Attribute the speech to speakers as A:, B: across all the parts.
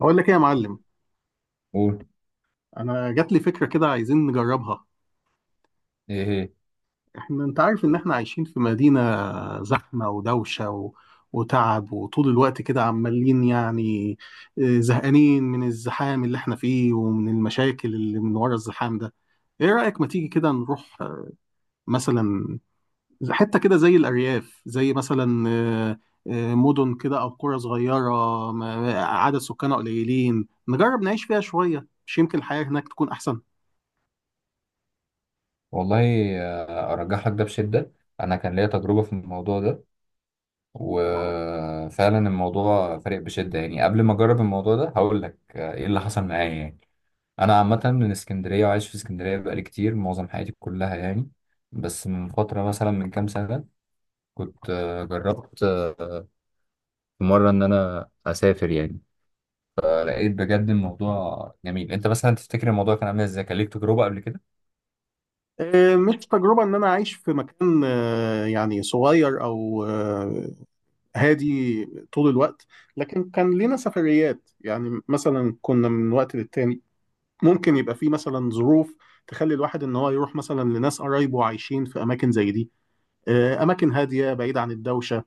A: اقول لك ايه يا معلم.
B: قول.
A: انا جات لي فكره كده، عايزين نجربها.
B: ايه ايه.
A: احنا، انت عارف ان احنا عايشين في مدينه زحمه ودوشه وتعب، وطول الوقت كده عمالين زهقانين من الزحام اللي احنا فيه ومن المشاكل اللي من ورا الزحام ده. ايه رايك ما تيجي كده نروح مثلا حته كده زي الارياف، زي مثلا مدن كده او قرى صغيره عدد سكانها قليلين، نجرب نعيش فيها شويه، مش يمكن الحياه هناك تكون احسن.
B: والله، ارجح لك ده بشده. انا كان ليا تجربه في الموضوع ده، وفعلا الموضوع فارق بشده. يعني قبل ما اجرب الموضوع ده هقول لك ايه اللي حصل معايا. يعني انا عامه من اسكندريه وعايش في اسكندريه بقالي كتير، معظم حياتي كلها يعني. بس من فتره مثلا، من كام سنه، كنت جربت في مره ان انا اسافر يعني. لقيت بجد الموضوع جميل. انت مثلا تفتكر الموضوع كان عامل ازاي؟ كان ليك تجربه قبل كده؟
A: مش تجربة إن أنا عايش في مكان يعني صغير أو هادي طول الوقت، لكن كان لينا سفريات يعني، مثلا كنا من وقت للتاني ممكن يبقى في مثلا ظروف تخلي الواحد إن هو يروح مثلا لناس قرايبه عايشين في أماكن زي دي. أماكن هادية بعيدة عن الدوشة،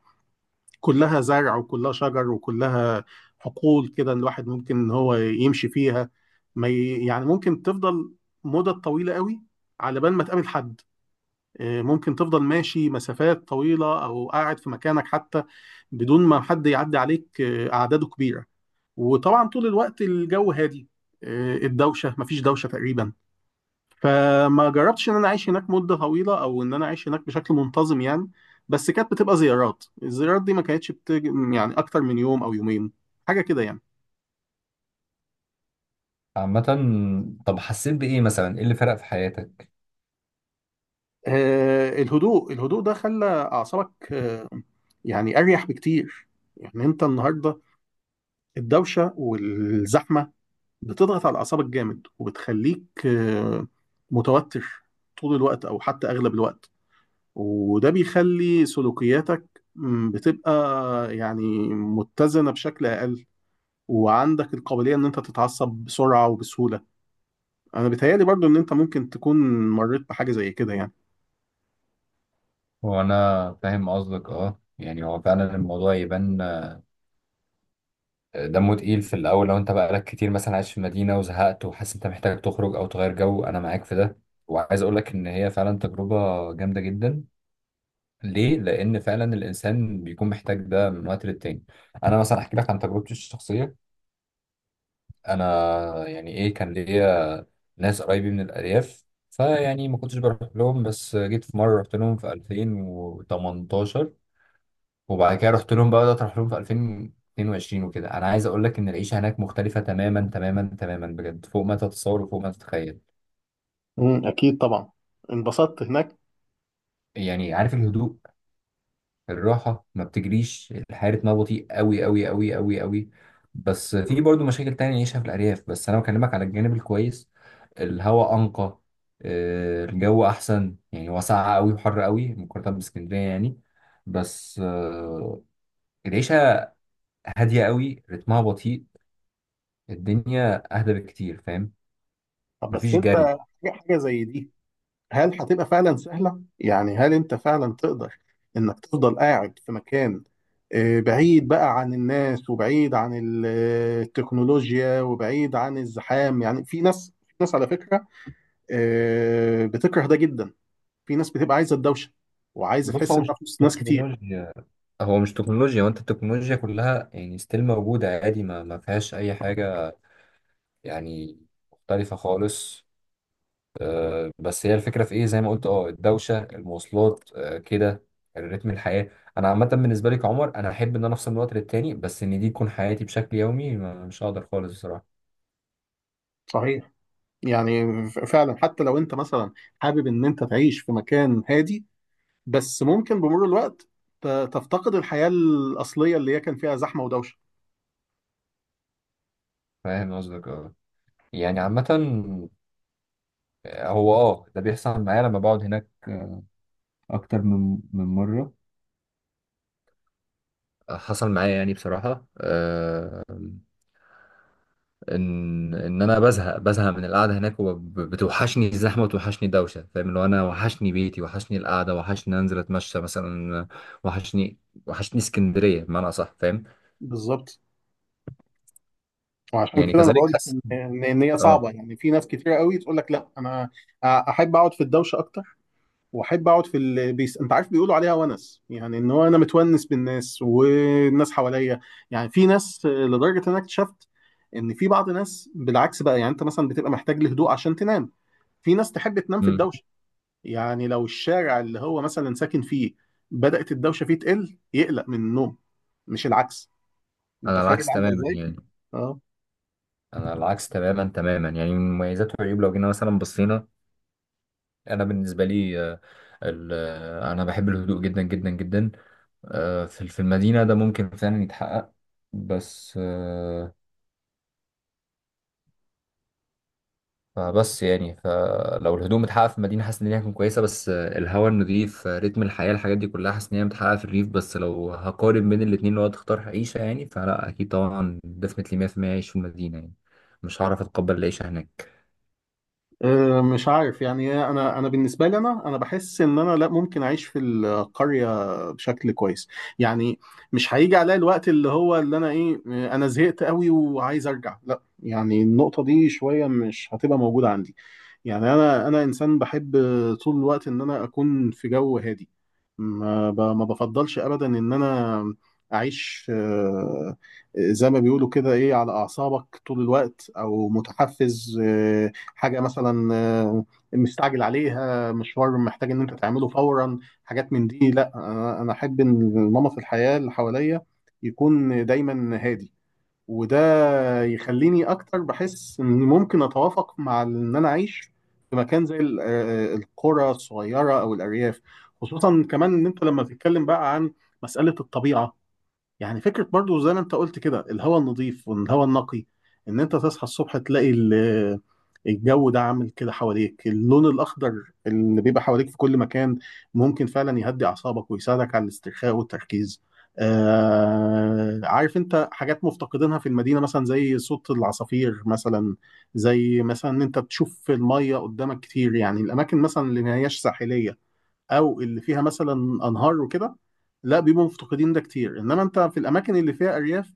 A: كلها زرع وكلها شجر وكلها حقول كده، الواحد ممكن إن هو يمشي فيها ما ي- يعني ممكن تفضل مدة طويلة قوي على بال ما تقابل حد. ممكن تفضل ماشي مسافات طويلة أو قاعد في مكانك حتى بدون ما حد يعدي عليك، أعداده كبيرة. وطبعا طول الوقت الجو هادي، الدوشة مفيش دوشة تقريبا. فما جربتش إن أنا أعيش هناك مدة طويلة أو إن أنا أعيش هناك بشكل منتظم يعني، بس كانت بتبقى زيارات، الزيارات دي ما كانتش بتج... يعني أكتر من يوم أو يومين، حاجة كده يعني.
B: عامه، طب حسيت بايه مثلا؟ ايه اللي فرق في حياتك؟
A: الهدوء، الهدوء ده خلى أعصابك يعني أريح بكتير. يعني أنت النهاردة الدوشة والزحمة بتضغط على اعصابك جامد، وبتخليك متوتر طول الوقت او حتى اغلب الوقت، وده بيخلي سلوكياتك بتبقى يعني متزنة بشكل اقل، وعندك القابلية ان انت تتعصب بسرعة وبسهولة. انا بيتهيألي برضو ان انت ممكن تكون مريت بحاجة زي كده يعني.
B: هو انا فاهم قصدك، اه. يعني هو فعلا الموضوع يبان دمه تقيل في الاول. لو انت بقالك كتير مثلا عايش في مدينه وزهقت وحاسس انت محتاج تخرج او تغير جو، انا معاك في ده. وعايز اقول لك ان هي فعلا تجربه جامده جدا، ليه؟ لان فعلا الانسان بيكون محتاج ده من وقت للتاني. انا مثلا احكي لك عن تجربتي الشخصيه. انا يعني ايه، كان ليا ناس قرايبي من الارياف، فيعني ما كنتش بروح لهم، بس جيت في مره رحت لهم في 2018، وبعد كده رحت لهم بقى، بدأت اروح لهم في 2022 وكده. انا عايز اقول لك ان العيشه هناك مختلفه تماما تماما تماما، بجد فوق ما تتصور وفوق ما تتخيل.
A: امم، اكيد طبعا انبسطت هناك.
B: يعني عارف الهدوء، الراحه، ما بتجريش الحياه، رتمها بطيء قوي قوي قوي قوي قوي. بس في برضو مشاكل تانية نعيشها في الارياف، بس انا بكلمك على الجانب الكويس. الهواء انقى، الجو احسن. يعني هو ساقع قوي وحر قوي مقارنه باسكندريه يعني. بس العيشه هاديه قوي، رتمها بطيء، الدنيا اهدى بكتير، فاهم؟
A: طب بس
B: مفيش
A: انت
B: جري.
A: حاجة زي دي، هل هتبقى فعلا سهلة؟ يعني هل انت فعلا تقدر انك تفضل قاعد في مكان بعيد بقى عن الناس، وبعيد عن التكنولوجيا، وبعيد عن الزحام؟ يعني في ناس، في ناس على فكرة بتكره ده جدا، في ناس بتبقى عايزة الدوشة وعايزة
B: بص،
A: تحس
B: هو مش
A: انها في وسط ناس كتير.
B: تكنولوجيا، هو مش تكنولوجيا، وانت التكنولوجيا كلها يعني ستيل موجودة عادي، ما فيهاش اي حاجة يعني، مختلفة خالص. بس هي الفكرة في ايه؟ زي ما قلت، اه الدوشة، المواصلات، كده، الريتم، الحياة. انا عامة بالنسبة لي كعمر، انا احب ان انا افصل من وقت للتاني، بس ان دي تكون حياتي بشكل يومي، مش هقدر خالص بصراحة.
A: صحيح، يعني فعلا حتى لو انت مثلا حابب ان انت تعيش في مكان هادي، بس ممكن بمرور الوقت تفتقد الحياة الأصلية اللي هي كان فيها زحمة ودوشة.
B: فاهم قصدك، اه. يعني عامة، هو اه ده بيحصل معايا لما بقعد هناك أكتر من مرة. حصل معايا يعني بصراحة إن أنا بزهق من القعدة هناك، وبتوحشني الزحمة وتوحشني الدوشة. فاهم؟ اللي هو أنا وحشني بيتي، وحشني القعدة، وحشني أنزل أتمشى مثلا، وحشني، وحشني اسكندرية بمعنى أصح، فاهم؟
A: بالظبط، وعشان
B: يعني
A: كده انا
B: كذلك
A: بقول لك
B: حس،
A: ان إن هي
B: أه.
A: صعبه. يعني في ناس كتير قوي تقول لك لا، انا احب اقعد في الدوشه اكتر، واحب اقعد في انت عارف بيقولوا عليها ونس، يعني ان هو انا متونس بالناس والناس حواليا. يعني في ناس، لدرجه ان انا اكتشفت ان في بعض ناس بالعكس بقى، يعني انت مثلا بتبقى محتاج لهدوء عشان تنام، في ناس تحب تنام في
B: أمم.
A: الدوشه. يعني لو الشارع اللي هو مثلا ساكن فيه بدأت الدوشه فيه تقل يقلق من النوم، مش العكس.
B: أنا
A: متخيل
B: العكس
A: عامله
B: تماما
A: ازاي؟
B: يعني،
A: اه،
B: أنا العكس تماما تماما يعني. من مميزات وعيوب لو جينا مثلا بصينا، أنا بالنسبة لي أنا بحب الهدوء جدا جدا جدا. في المدينة ده ممكن فعلا يتحقق، بس فبس يعني، فلو الهدوم اتحقق في المدينة حاسس إن هي هتكون كويسة. بس الهواء النضيف، رتم الحياة، الحاجات دي كلها حاسس إن هي متحققة في الريف. بس لو هقارن بين الاتنين، لو هتختار عيشة يعني، فلا أكيد طبعا ديفنتلي 100% أعيش في المدينة يعني. مش هعرف أتقبل العيشة هناك.
A: أه، مش عارف يعني إيه، انا بالنسبه لي، انا بحس ان انا لا ممكن اعيش في القريه بشكل كويس. يعني مش هيجي عليا الوقت اللي هو اللي انا ايه آه، انا زهقت قوي وعايز ارجع، لا، يعني النقطه دي شويه مش هتبقى موجوده عندي. يعني انا انسان بحب طول الوقت ان انا اكون في جو هادي، ما بفضلش ابدا ان انا اعيش زي ما بيقولوا كده، ايه، على اعصابك طول الوقت، او متحفز، حاجه مثلا مستعجل عليها، مشوار محتاج ان انت تعمله فورا، حاجات من دي لا. أنا احب ان نمط الحياه اللي حواليا يكون دايما هادي، وده يخليني اكتر بحس اني ممكن اتوافق مع ان انا اعيش في مكان زي القرى الصغيره او الارياف. خصوصا كمان ان انت لما تتكلم بقى عن مساله الطبيعه، يعني فكرة برضو زي ما انت قلت كده الهواء النظيف والهواء النقي، ان انت تصحى الصبح تلاقي الجو ده عامل كده حواليك، اللون الاخضر اللي بيبقى حواليك في كل مكان ممكن فعلا يهدي اعصابك ويساعدك على الاسترخاء والتركيز. آه، عارف انت حاجات مفتقدينها في المدينة، مثلا زي صوت العصافير مثلا، زي مثلا ان انت تشوف المية قدامك كتير. يعني الاماكن مثلا اللي ما هياش ساحلية، او اللي فيها مثلا انهار وكده، لا بيبقوا مفتقدين ده كتير. انما انت في الاماكن اللي فيها ارياف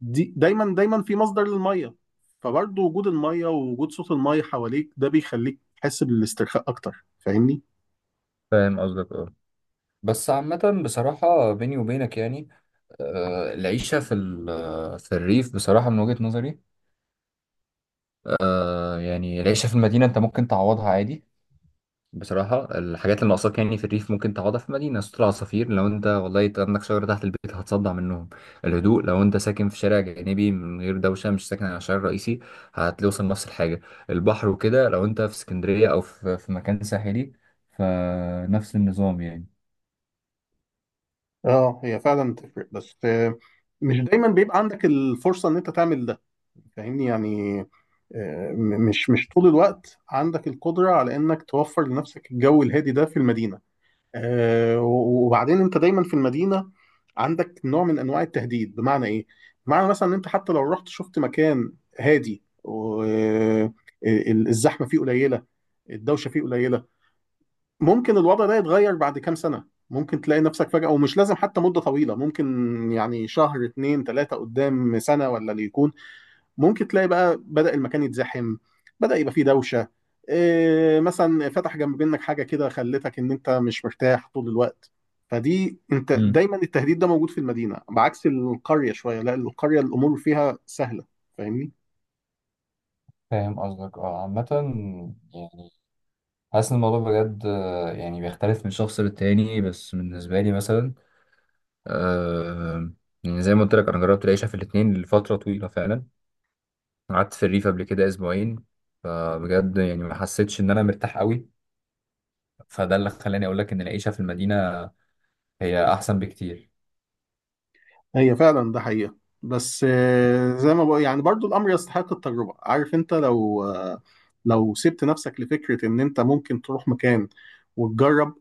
A: دي دايما دايما في مصدر للميه، فبرضه وجود الميه ووجود صوت الميه حواليك ده بيخليك تحس بالاسترخاء اكتر، فاهمني؟
B: فاهم قصدك، اه. بس عامة بصراحة بيني وبينك يعني، العيشة في في الريف، بصراحة من وجهة نظري، يعني العيشة في المدينة أنت ممكن تعوضها عادي بصراحة. الحاجات اللي ناقصاك يعني في الريف ممكن تقعدها في مدينة. سطول عصافير؟ لو انت والله عندك شجرة تحت البيت هتصدع منهم. الهدوء؟ لو انت ساكن في شارع جانبي من غير دوشة، مش ساكن على الشارع الرئيسي، هتوصل نفس الحاجة. البحر وكده؟ لو انت في اسكندرية أو في في مكان ساحلي، فنفس النظام يعني.
A: اه، هي فعلا تفرق، بس مش دايما بيبقى عندك الفرصه ان انت تعمل ده، فاهمني؟ يعني مش طول الوقت عندك القدره على انك توفر لنفسك الجو الهادي ده في المدينه. وبعدين انت دايما في المدينه عندك نوع من انواع التهديد. بمعنى ايه؟ بمعنى مثلا ان انت حتى لو رحت شفت مكان هادي الزحمه فيه قليله، الدوشه فيه قليله، ممكن الوضع ده يتغير بعد كام سنه، ممكن تلاقي نفسك فجاه، ومش لازم حتى مده طويله، ممكن يعني شهر اتنين تلاته قدام سنه ولا اللي يكون. ممكن تلاقي بقى بدأ المكان يتزحم، بدأ يبقى فيه دوشة، إيه، مثلا فتح جنب منك حاجة كده خلتك ان انت مش مرتاح طول الوقت. فدي انت
B: امم،
A: دايما التهديد ده موجود في المدينة، بعكس القرية شوية لا، القرية الأمور فيها سهلة، فاهمني؟
B: فاهم قصدك، اه. عامة يعني، حاسس ان الموضوع بجد يعني بيختلف من شخص للتاني. بس بالنسبة لي مثلا، آه، يعني زي ما قلت لك أنا جربت العيشة في الاتنين لفترة طويلة فعلا. قعدت في الريف قبل كده اسبوعين، فبجد يعني ما حسيتش ان انا مرتاح قوي. فده اللي خلاني اقول لك ان العيشه في المدينه هي احسن بكتير.
A: هي فعلا ده حقيقة، بس زي ما بقول يعني، برضو الأمر يستحق التجربة. عارف انت لو لو سبت نفسك لفكرة ان انت ممكن تروح مكان وتجرب،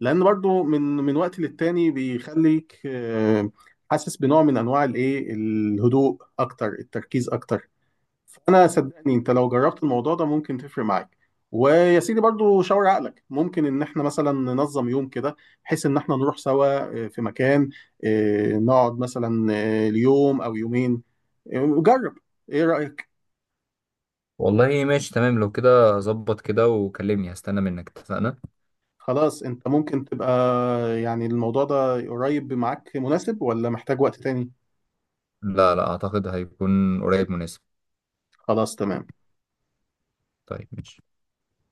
A: لان برضو من وقت للتاني بيخليك حاسس بنوع من انواع الايه، الهدوء اكتر، التركيز اكتر. فانا صدقني انت لو جربت الموضوع ده ممكن تفرق معاك. ويا سيدي برضو شاور عقلك، ممكن ان احنا مثلا ننظم يوم كده بحيث ان احنا نروح سوا في مكان، نقعد مثلا ليوم او يومين. جرب، ايه رأيك؟
B: والله ماشي تمام، لو كده ظبط كده وكلمني، هستنى منك، اتفقنا؟
A: خلاص، انت ممكن تبقى، يعني الموضوع ده قريب معاك مناسب، ولا محتاج وقت تاني؟
B: لا، لا اعتقد هيكون قريب مناسب.
A: خلاص، تمام.
B: طيب ماشي.